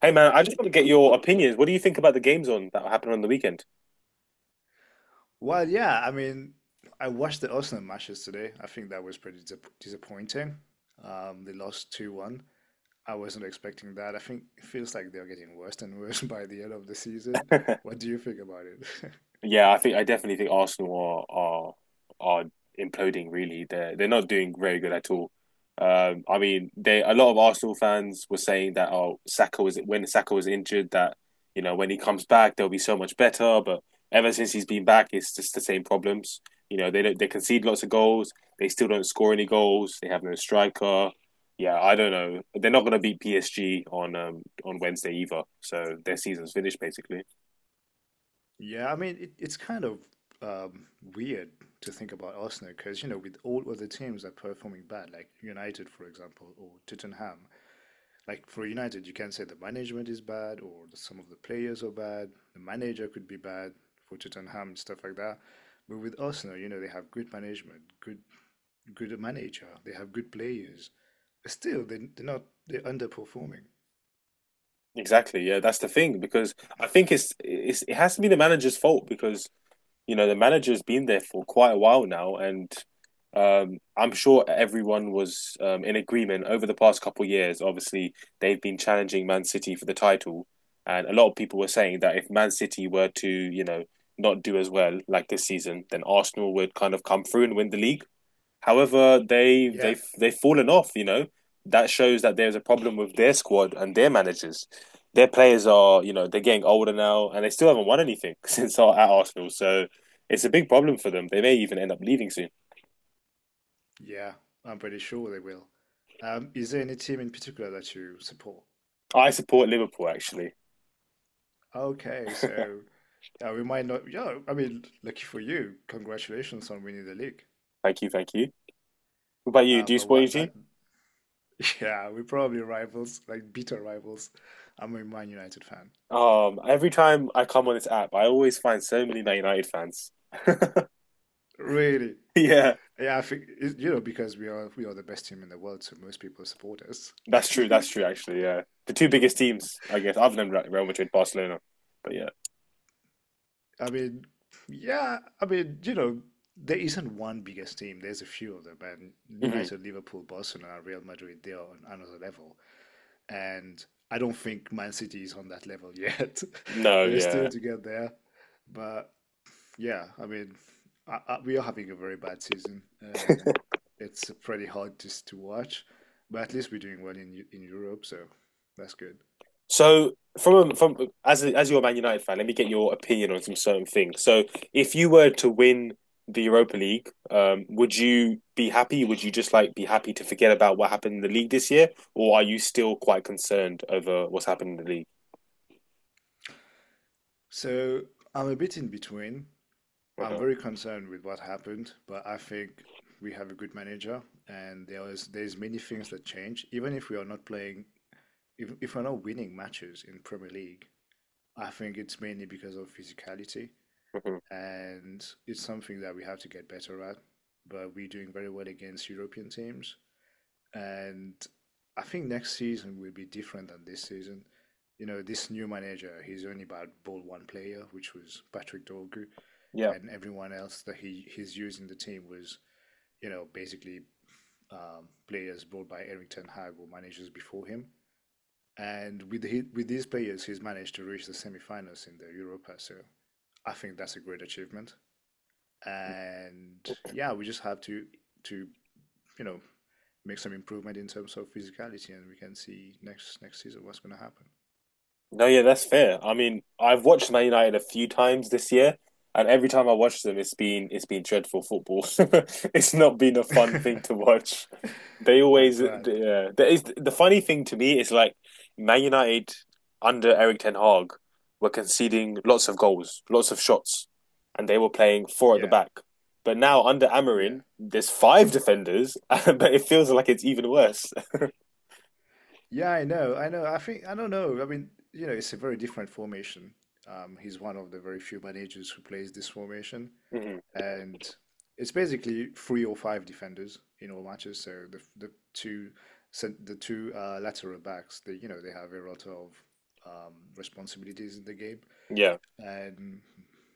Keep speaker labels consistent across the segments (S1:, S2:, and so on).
S1: Hey man, I just want to get your opinions. What do you think about the games on that happened on the weekend?
S2: Well, yeah, I mean, I watched the Arsenal matches today. I think that was pretty disappointing. They lost 2-1. I wasn't expecting that. I think it feels like they're getting worse and worse by the end of the season. What do you think about it?
S1: Yeah, I think I definitely think Arsenal are imploding really. They're not doing very good at all. They a lot of Arsenal fans were saying that oh, Saka was when Saka was injured that when he comes back they'll be so much better. But ever since he's been back, it's just the same problems. They don't, they concede lots of goals. They still don't score any goals. They have no striker. Yeah, I don't know. They're not going to beat PSG on Wednesday either. So their season's finished basically.
S2: Yeah, I mean, it's kind of um, weird to think about Arsenal because, with all other teams that are performing bad, like United, for example, or Tottenham. Like for United, you can say the management is bad, or some of the players are bad. The manager could be bad for Tottenham and stuff like that. But with Arsenal, they have good management, good manager. They have good players. But still, they, they're not they're underperforming.
S1: Exactly. Yeah, that's the thing because I think it's it has to be the manager's fault because the manager's been there for quite a while now, and I'm sure everyone was in agreement over the past couple of years. Obviously, they've been challenging Man City for the title, and a lot of people were saying that if Man City were to not do as well like this season, then Arsenal would kind of come through and win the league. However, they they
S2: Yeah,
S1: they've fallen off. That shows that there's a problem with their squad and their managers. Their players are they're getting older now, and they still haven't won anything since our, at Arsenal. So it's a big problem for them. They may even end up leaving soon.
S2: yeah, I'm pretty sure they will. Is there any team in particular that you support?
S1: I support Liverpool actually.
S2: Okay, so yeah, we might not. Yeah, I mean, lucky for you, congratulations on winning the league.
S1: Thank you, thank you. What about you? Do you
S2: But
S1: support your
S2: what that
S1: team?
S2: Yeah, we're probably rivals, like bitter rivals. I'm a Man United fan.
S1: Every time I come on this app, I always find so many Man United fans.
S2: Really.
S1: yeah,
S2: Yeah, I think because we are the best team in the world, so most people support us.
S1: that's true. That's true. Actually, yeah, the two biggest teams, I guess, other than Real Madrid, Barcelona. But yeah.
S2: I mean, yeah, I mean, there isn't one biggest team. There's a few of them, and
S1: Mm-hmm.
S2: United, Liverpool, Barcelona, Real Madrid, they are on another level. And I don't think Man City is on that level yet.
S1: No,
S2: They're still
S1: yeah.
S2: to get there, but yeah, I mean, we are having a very bad season, and it's pretty hard just to watch. But at least we're doing well in in Europe, so that's good.
S1: So from as a, as you're a Man United fan, let me get your opinion on some certain things. So if you were to win the Europa League, would you be happy? Would you just like be happy to forget about what happened in the league this year, or are you still quite concerned over what's happened in the league?
S2: So I'm a bit in between. I'm very concerned with what happened, but I think we have a good manager, and there's many things that change. Even if we are not playing, if we're not winning matches in Premier League, I think it's mainly because of physicality. And it's something that we have to get better at. But we're doing very well against European teams, and I think next season will be different than this season. This new manager, he's only about ball one player, which was Patrick Dorgu,
S1: Yeah,
S2: and everyone else that he's using the team was, basically players brought by Erik Ten Hag or managers before him. And with these players, he's managed to reach the semi-finals in the Europa. So I think that's a great achievement, and yeah, we just have to you know make some improvement in terms of physicality, and we can see next season what's going to
S1: no, yeah, that's fair. I mean, I've watched Man United a few times this year, and every time I watch them, it's been dreadful football. It's not been a fun thing
S2: happen.
S1: to watch. They
S2: I
S1: always,
S2: bet.
S1: the There is the funny thing to me is like Man United under Eric Ten Hag were conceding lots of goals, lots of shots, and they were playing four at the
S2: Yeah,
S1: back. But now under
S2: yeah,
S1: Amarin, there's five defenders, but it feels like it's even worse.
S2: yeah. I know, I know. I think I don't know. I mean, it's a very different formation. He's one of the very few managers who plays this formation,
S1: Hmm.
S2: and it's basically three or five defenders in all matches. So the two lateral backs, they you know they have a lot of responsibilities in the game,
S1: Yeah.
S2: and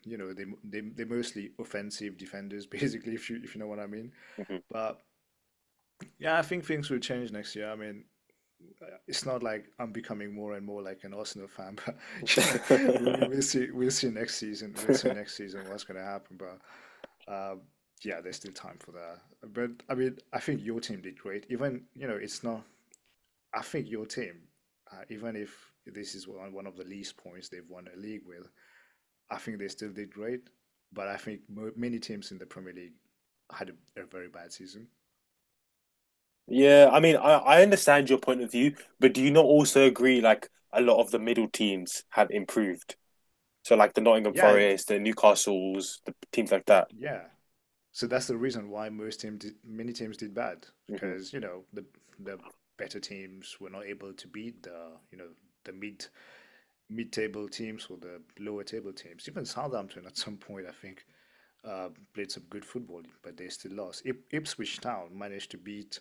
S2: they're mostly offensive defenders basically if you know what I mean.
S1: Hmm.
S2: But yeah, I think things will change next year. I mean, it's not like I'm becoming more and more like an Arsenal fan, but we'll see next season. We'll see next season what's going to happen, but um, yeah, there's still time for that. But I mean, I think your team did great. Even, it's not I think your team, even if this is one of the least points they've won a league with, I think they still did great. But I think mo many teams in the Premier League had a very bad season.
S1: Yeah, I mean, I understand your point of view, but do you not also agree like a lot of the middle teams have improved? So like the Nottingham
S2: Yeah,
S1: Forest, the Newcastles, the teams like that.
S2: yeah. So that's the reason why many teams did bad
S1: Hmm.
S2: because the better teams were not able to beat the you know the mid table teams or the lower table teams. Even Southampton at some point I think played some good football, but they still lost. Ip Ipswich Town managed to beat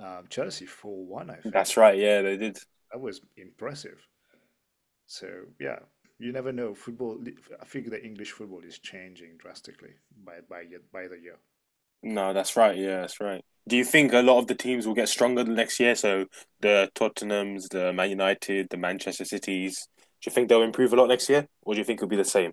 S2: Chelsea 4-1. I
S1: That's
S2: think
S1: right.
S2: I
S1: Yeah, they
S2: think that,
S1: did.
S2: that was impressive. So yeah, you never know. Football, I think the English football is changing drastically by the year.
S1: No, that's right. Yeah, that's right. Do you think a lot of the teams will get stronger the next year? So the Tottenhams, the Man United, the Manchester Cities. Do you think they'll improve a lot next year, or do you think it'll be the same?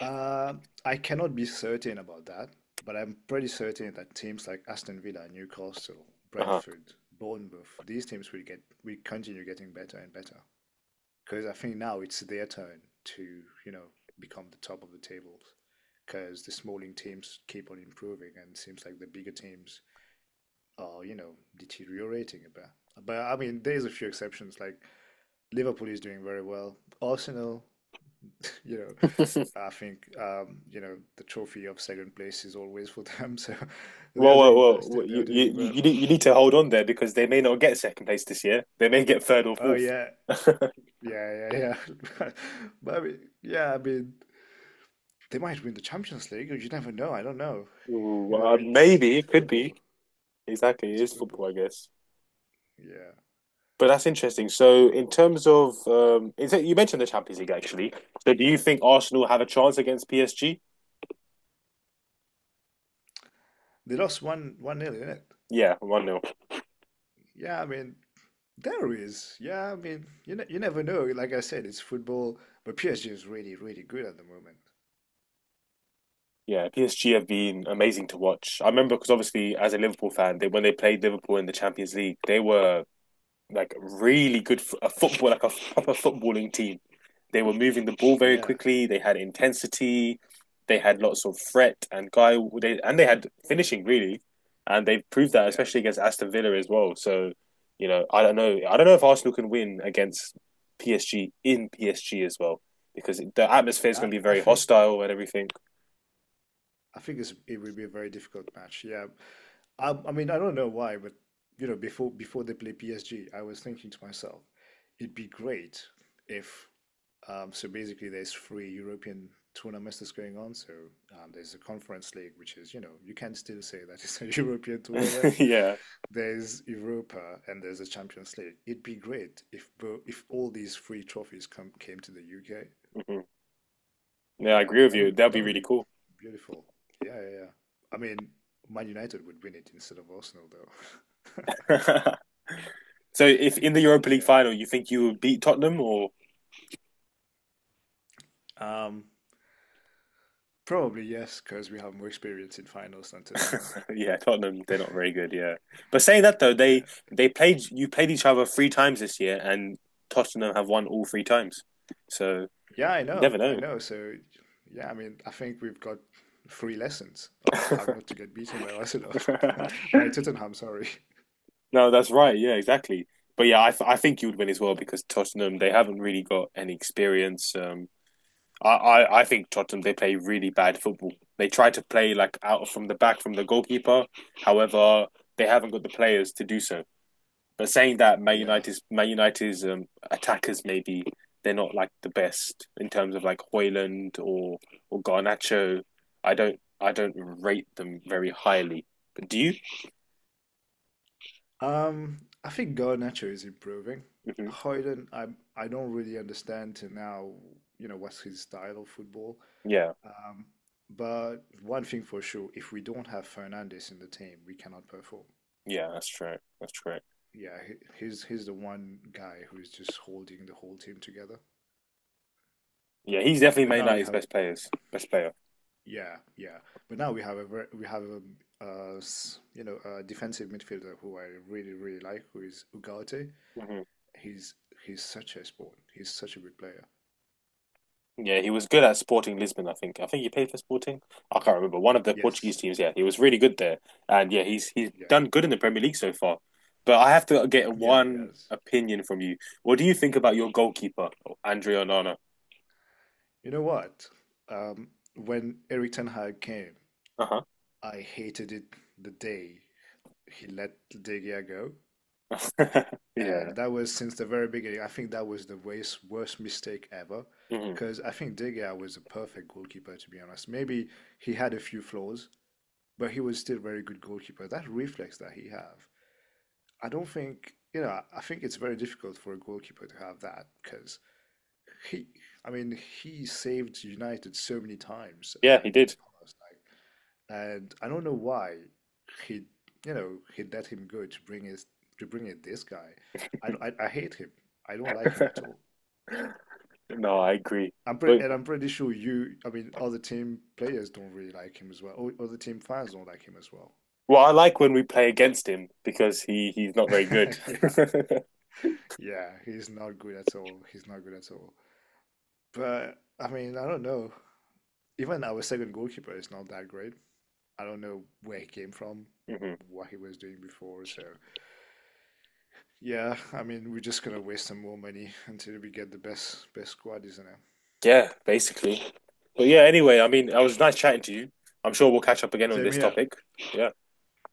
S2: Uh, I cannot be certain about that, but I'm pretty certain that teams like Aston Villa, Newcastle,
S1: Uh huh.
S2: Brentford, Bournemouth, these teams will continue getting better and better. Because I think now it's their turn to, you know, become the top of the tables. Because the smaller teams keep on improving, and it seems like the bigger teams are, deteriorating a bit. But I mean, there's a few exceptions. Like Liverpool is doing very well. Arsenal, you know, I think the trophy of second place is always for them. So they
S1: well,
S2: are
S1: well,
S2: doing
S1: well,
S2: best. eh,
S1: well,
S2: They are
S1: you you
S2: doing well.
S1: you need you need to hold on there because they may not get second place this year. They may get third or
S2: Oh
S1: fourth.
S2: yeah, yeah, yeah, yeah. But I mean, yeah, I mean, they might win the Champions League. You never know. I don't know.
S1: Ooh,
S2: You know, it's,
S1: maybe
S2: it's
S1: it could be
S2: football.
S1: exactly. It
S2: It's
S1: is football,
S2: football.
S1: I guess.
S2: Yeah,
S1: But that's interesting. So, in terms of, is it, you mentioned the Champions League actually. So, do you think Arsenal have a chance against PSG?
S2: they lost one nil, didn't it?
S1: Yeah, one nil.
S2: Yeah, I mean, there is. Yeah, I mean, you never know. Like I said, it's football. But PSG is really, really good at the moment.
S1: Yeah, PSG have been amazing to watch. I remember because obviously as a Liverpool fan, they when they played Liverpool in the Champions League, they were like really good a football like a proper footballing team. They were moving the ball very
S2: Yeah,
S1: quickly, they had intensity, they had lots of threat and guy they and they had finishing really. And they proved that
S2: yeah,
S1: especially against Aston Villa as well. So, you know, I don't know. I
S2: yeah,
S1: don't know if Arsenal can win against PSG in PSG as well because the atmosphere is going
S2: yeah.
S1: to be
S2: I
S1: very
S2: think.
S1: hostile and everything.
S2: I think it will be a very difficult match. Yeah, I mean, I don't know why, but before they play PSG, I was thinking to myself, it'd be great if so basically there's three European tournaments that's going on. So there's the Conference League, which is you can still say that it's a European tournament.
S1: Yeah.
S2: There's Europa and there's the Champions League. It'd be great if all these three trophies come came to the UK.
S1: Hmm. Yeah, I
S2: Yeah,
S1: agree with
S2: that
S1: you.
S2: would
S1: That'd be
S2: that would
S1: really
S2: be
S1: cool.
S2: beautiful. Yeah, yeah, yeah. I mean, Man United would win it instead of Arsenal, though.
S1: So if in the Europa League
S2: Yeah.
S1: final you think you would beat Tottenham or
S2: Um, probably yes, because we have more experience in finals than Tottenham.
S1: yeah, Tottenham, they're not very good, yeah. But saying that though, they
S2: Yeah.
S1: they played you played each other three times this year and Tottenham have won all three times. So
S2: Yeah, I
S1: you
S2: know.
S1: never
S2: I
S1: know.
S2: know. So, yeah, I mean, I think we've got three lessons of how not to get beaten by Arsenal, by Tottenham, sorry.
S1: No, that's right. Yeah, exactly. But yeah, I think you would win as well because Tottenham, they haven't really got any experience. I think Tottenham they play really bad football. They try to play like out from the back from the goalkeeper. However, they haven't got the players to do so. But saying that, Man
S2: Yeah.
S1: United's Man United's attackers maybe they're not like the best in terms of like Hoyland or Garnacho. I don't rate them very highly. But do you?
S2: Um, I think Garnacho is improving.
S1: Hmm.
S2: Højlund, I don't really understand to now, what's his style of football.
S1: Yeah,
S2: Um, but one thing for sure, if we don't have Fernandes in the team, we cannot perform.
S1: yeah, that's true. That's true.
S2: Yeah, he's the one guy who is just holding the whole team together.
S1: Yeah, he's definitely
S2: But
S1: Man
S2: now we
S1: United's
S2: have
S1: best players, best player.
S2: Yeah, yeah. But now we have a s- you know a defensive midfielder who I really really like, who is Ugarte.
S1: Hmm.
S2: He's he's such a sport. He's such a good player.
S1: Yeah, he was good at Sporting Lisbon, I think. I think he played for Sporting. I can't remember. One of the Portuguese
S2: Yes,
S1: teams, yeah. He was really good there. And yeah, he's
S2: yeah,
S1: done good in the Premier League so far. But I have to get
S2: yeah, he
S1: one
S2: has.
S1: opinion from you. What do you think about your goalkeeper, Andre Onana?
S2: You know what? Um, when Eric Ten Hag came,
S1: Uh-huh.
S2: I hated it the day he let De Gea go.
S1: Yeah.
S2: And that was since the very beginning. I think that was the worst, worst mistake ever.
S1: Hmm.
S2: Because I think De Gea was a perfect goalkeeper, to be honest. Maybe he had a few flaws, but he was still a very good goalkeeper. That reflex that he have, I don't think, I think it's very difficult for a goalkeeper to have that because he, I mean, he saved United so many times
S1: Yeah, he
S2: in the
S1: did.
S2: past. Like, and I don't know why he, he let him go to bring in this guy. I hate him. I don't like him at all.
S1: No, I
S2: Yeah,
S1: agree. But
S2: I'm pretty sure you. I mean, other team players don't really like him as well. Or other team fans don't like him as well.
S1: well, I like when we play against him because he's not very good.
S2: Yeah, yeah, he's not good at all. He's not good at all. But I mean, I don't know. Even our second goalkeeper is not that great. I don't know where he came from,
S1: Hmm.
S2: what he was doing before. So yeah, I mean, we're just gonna waste some more money until we get the best squad, isn't it?
S1: Yeah, basically. But yeah, anyway, I mean, I was nice chatting to you. I'm sure we'll catch up again on
S2: Same
S1: this
S2: here.
S1: topic. Yeah.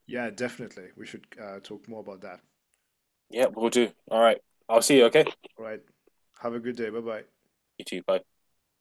S2: Yeah, definitely. We should talk more about that.
S1: Yeah, we'll do. All right. I'll see you, okay?
S2: All right. Have a good day. Bye bye.
S1: You too. Bye.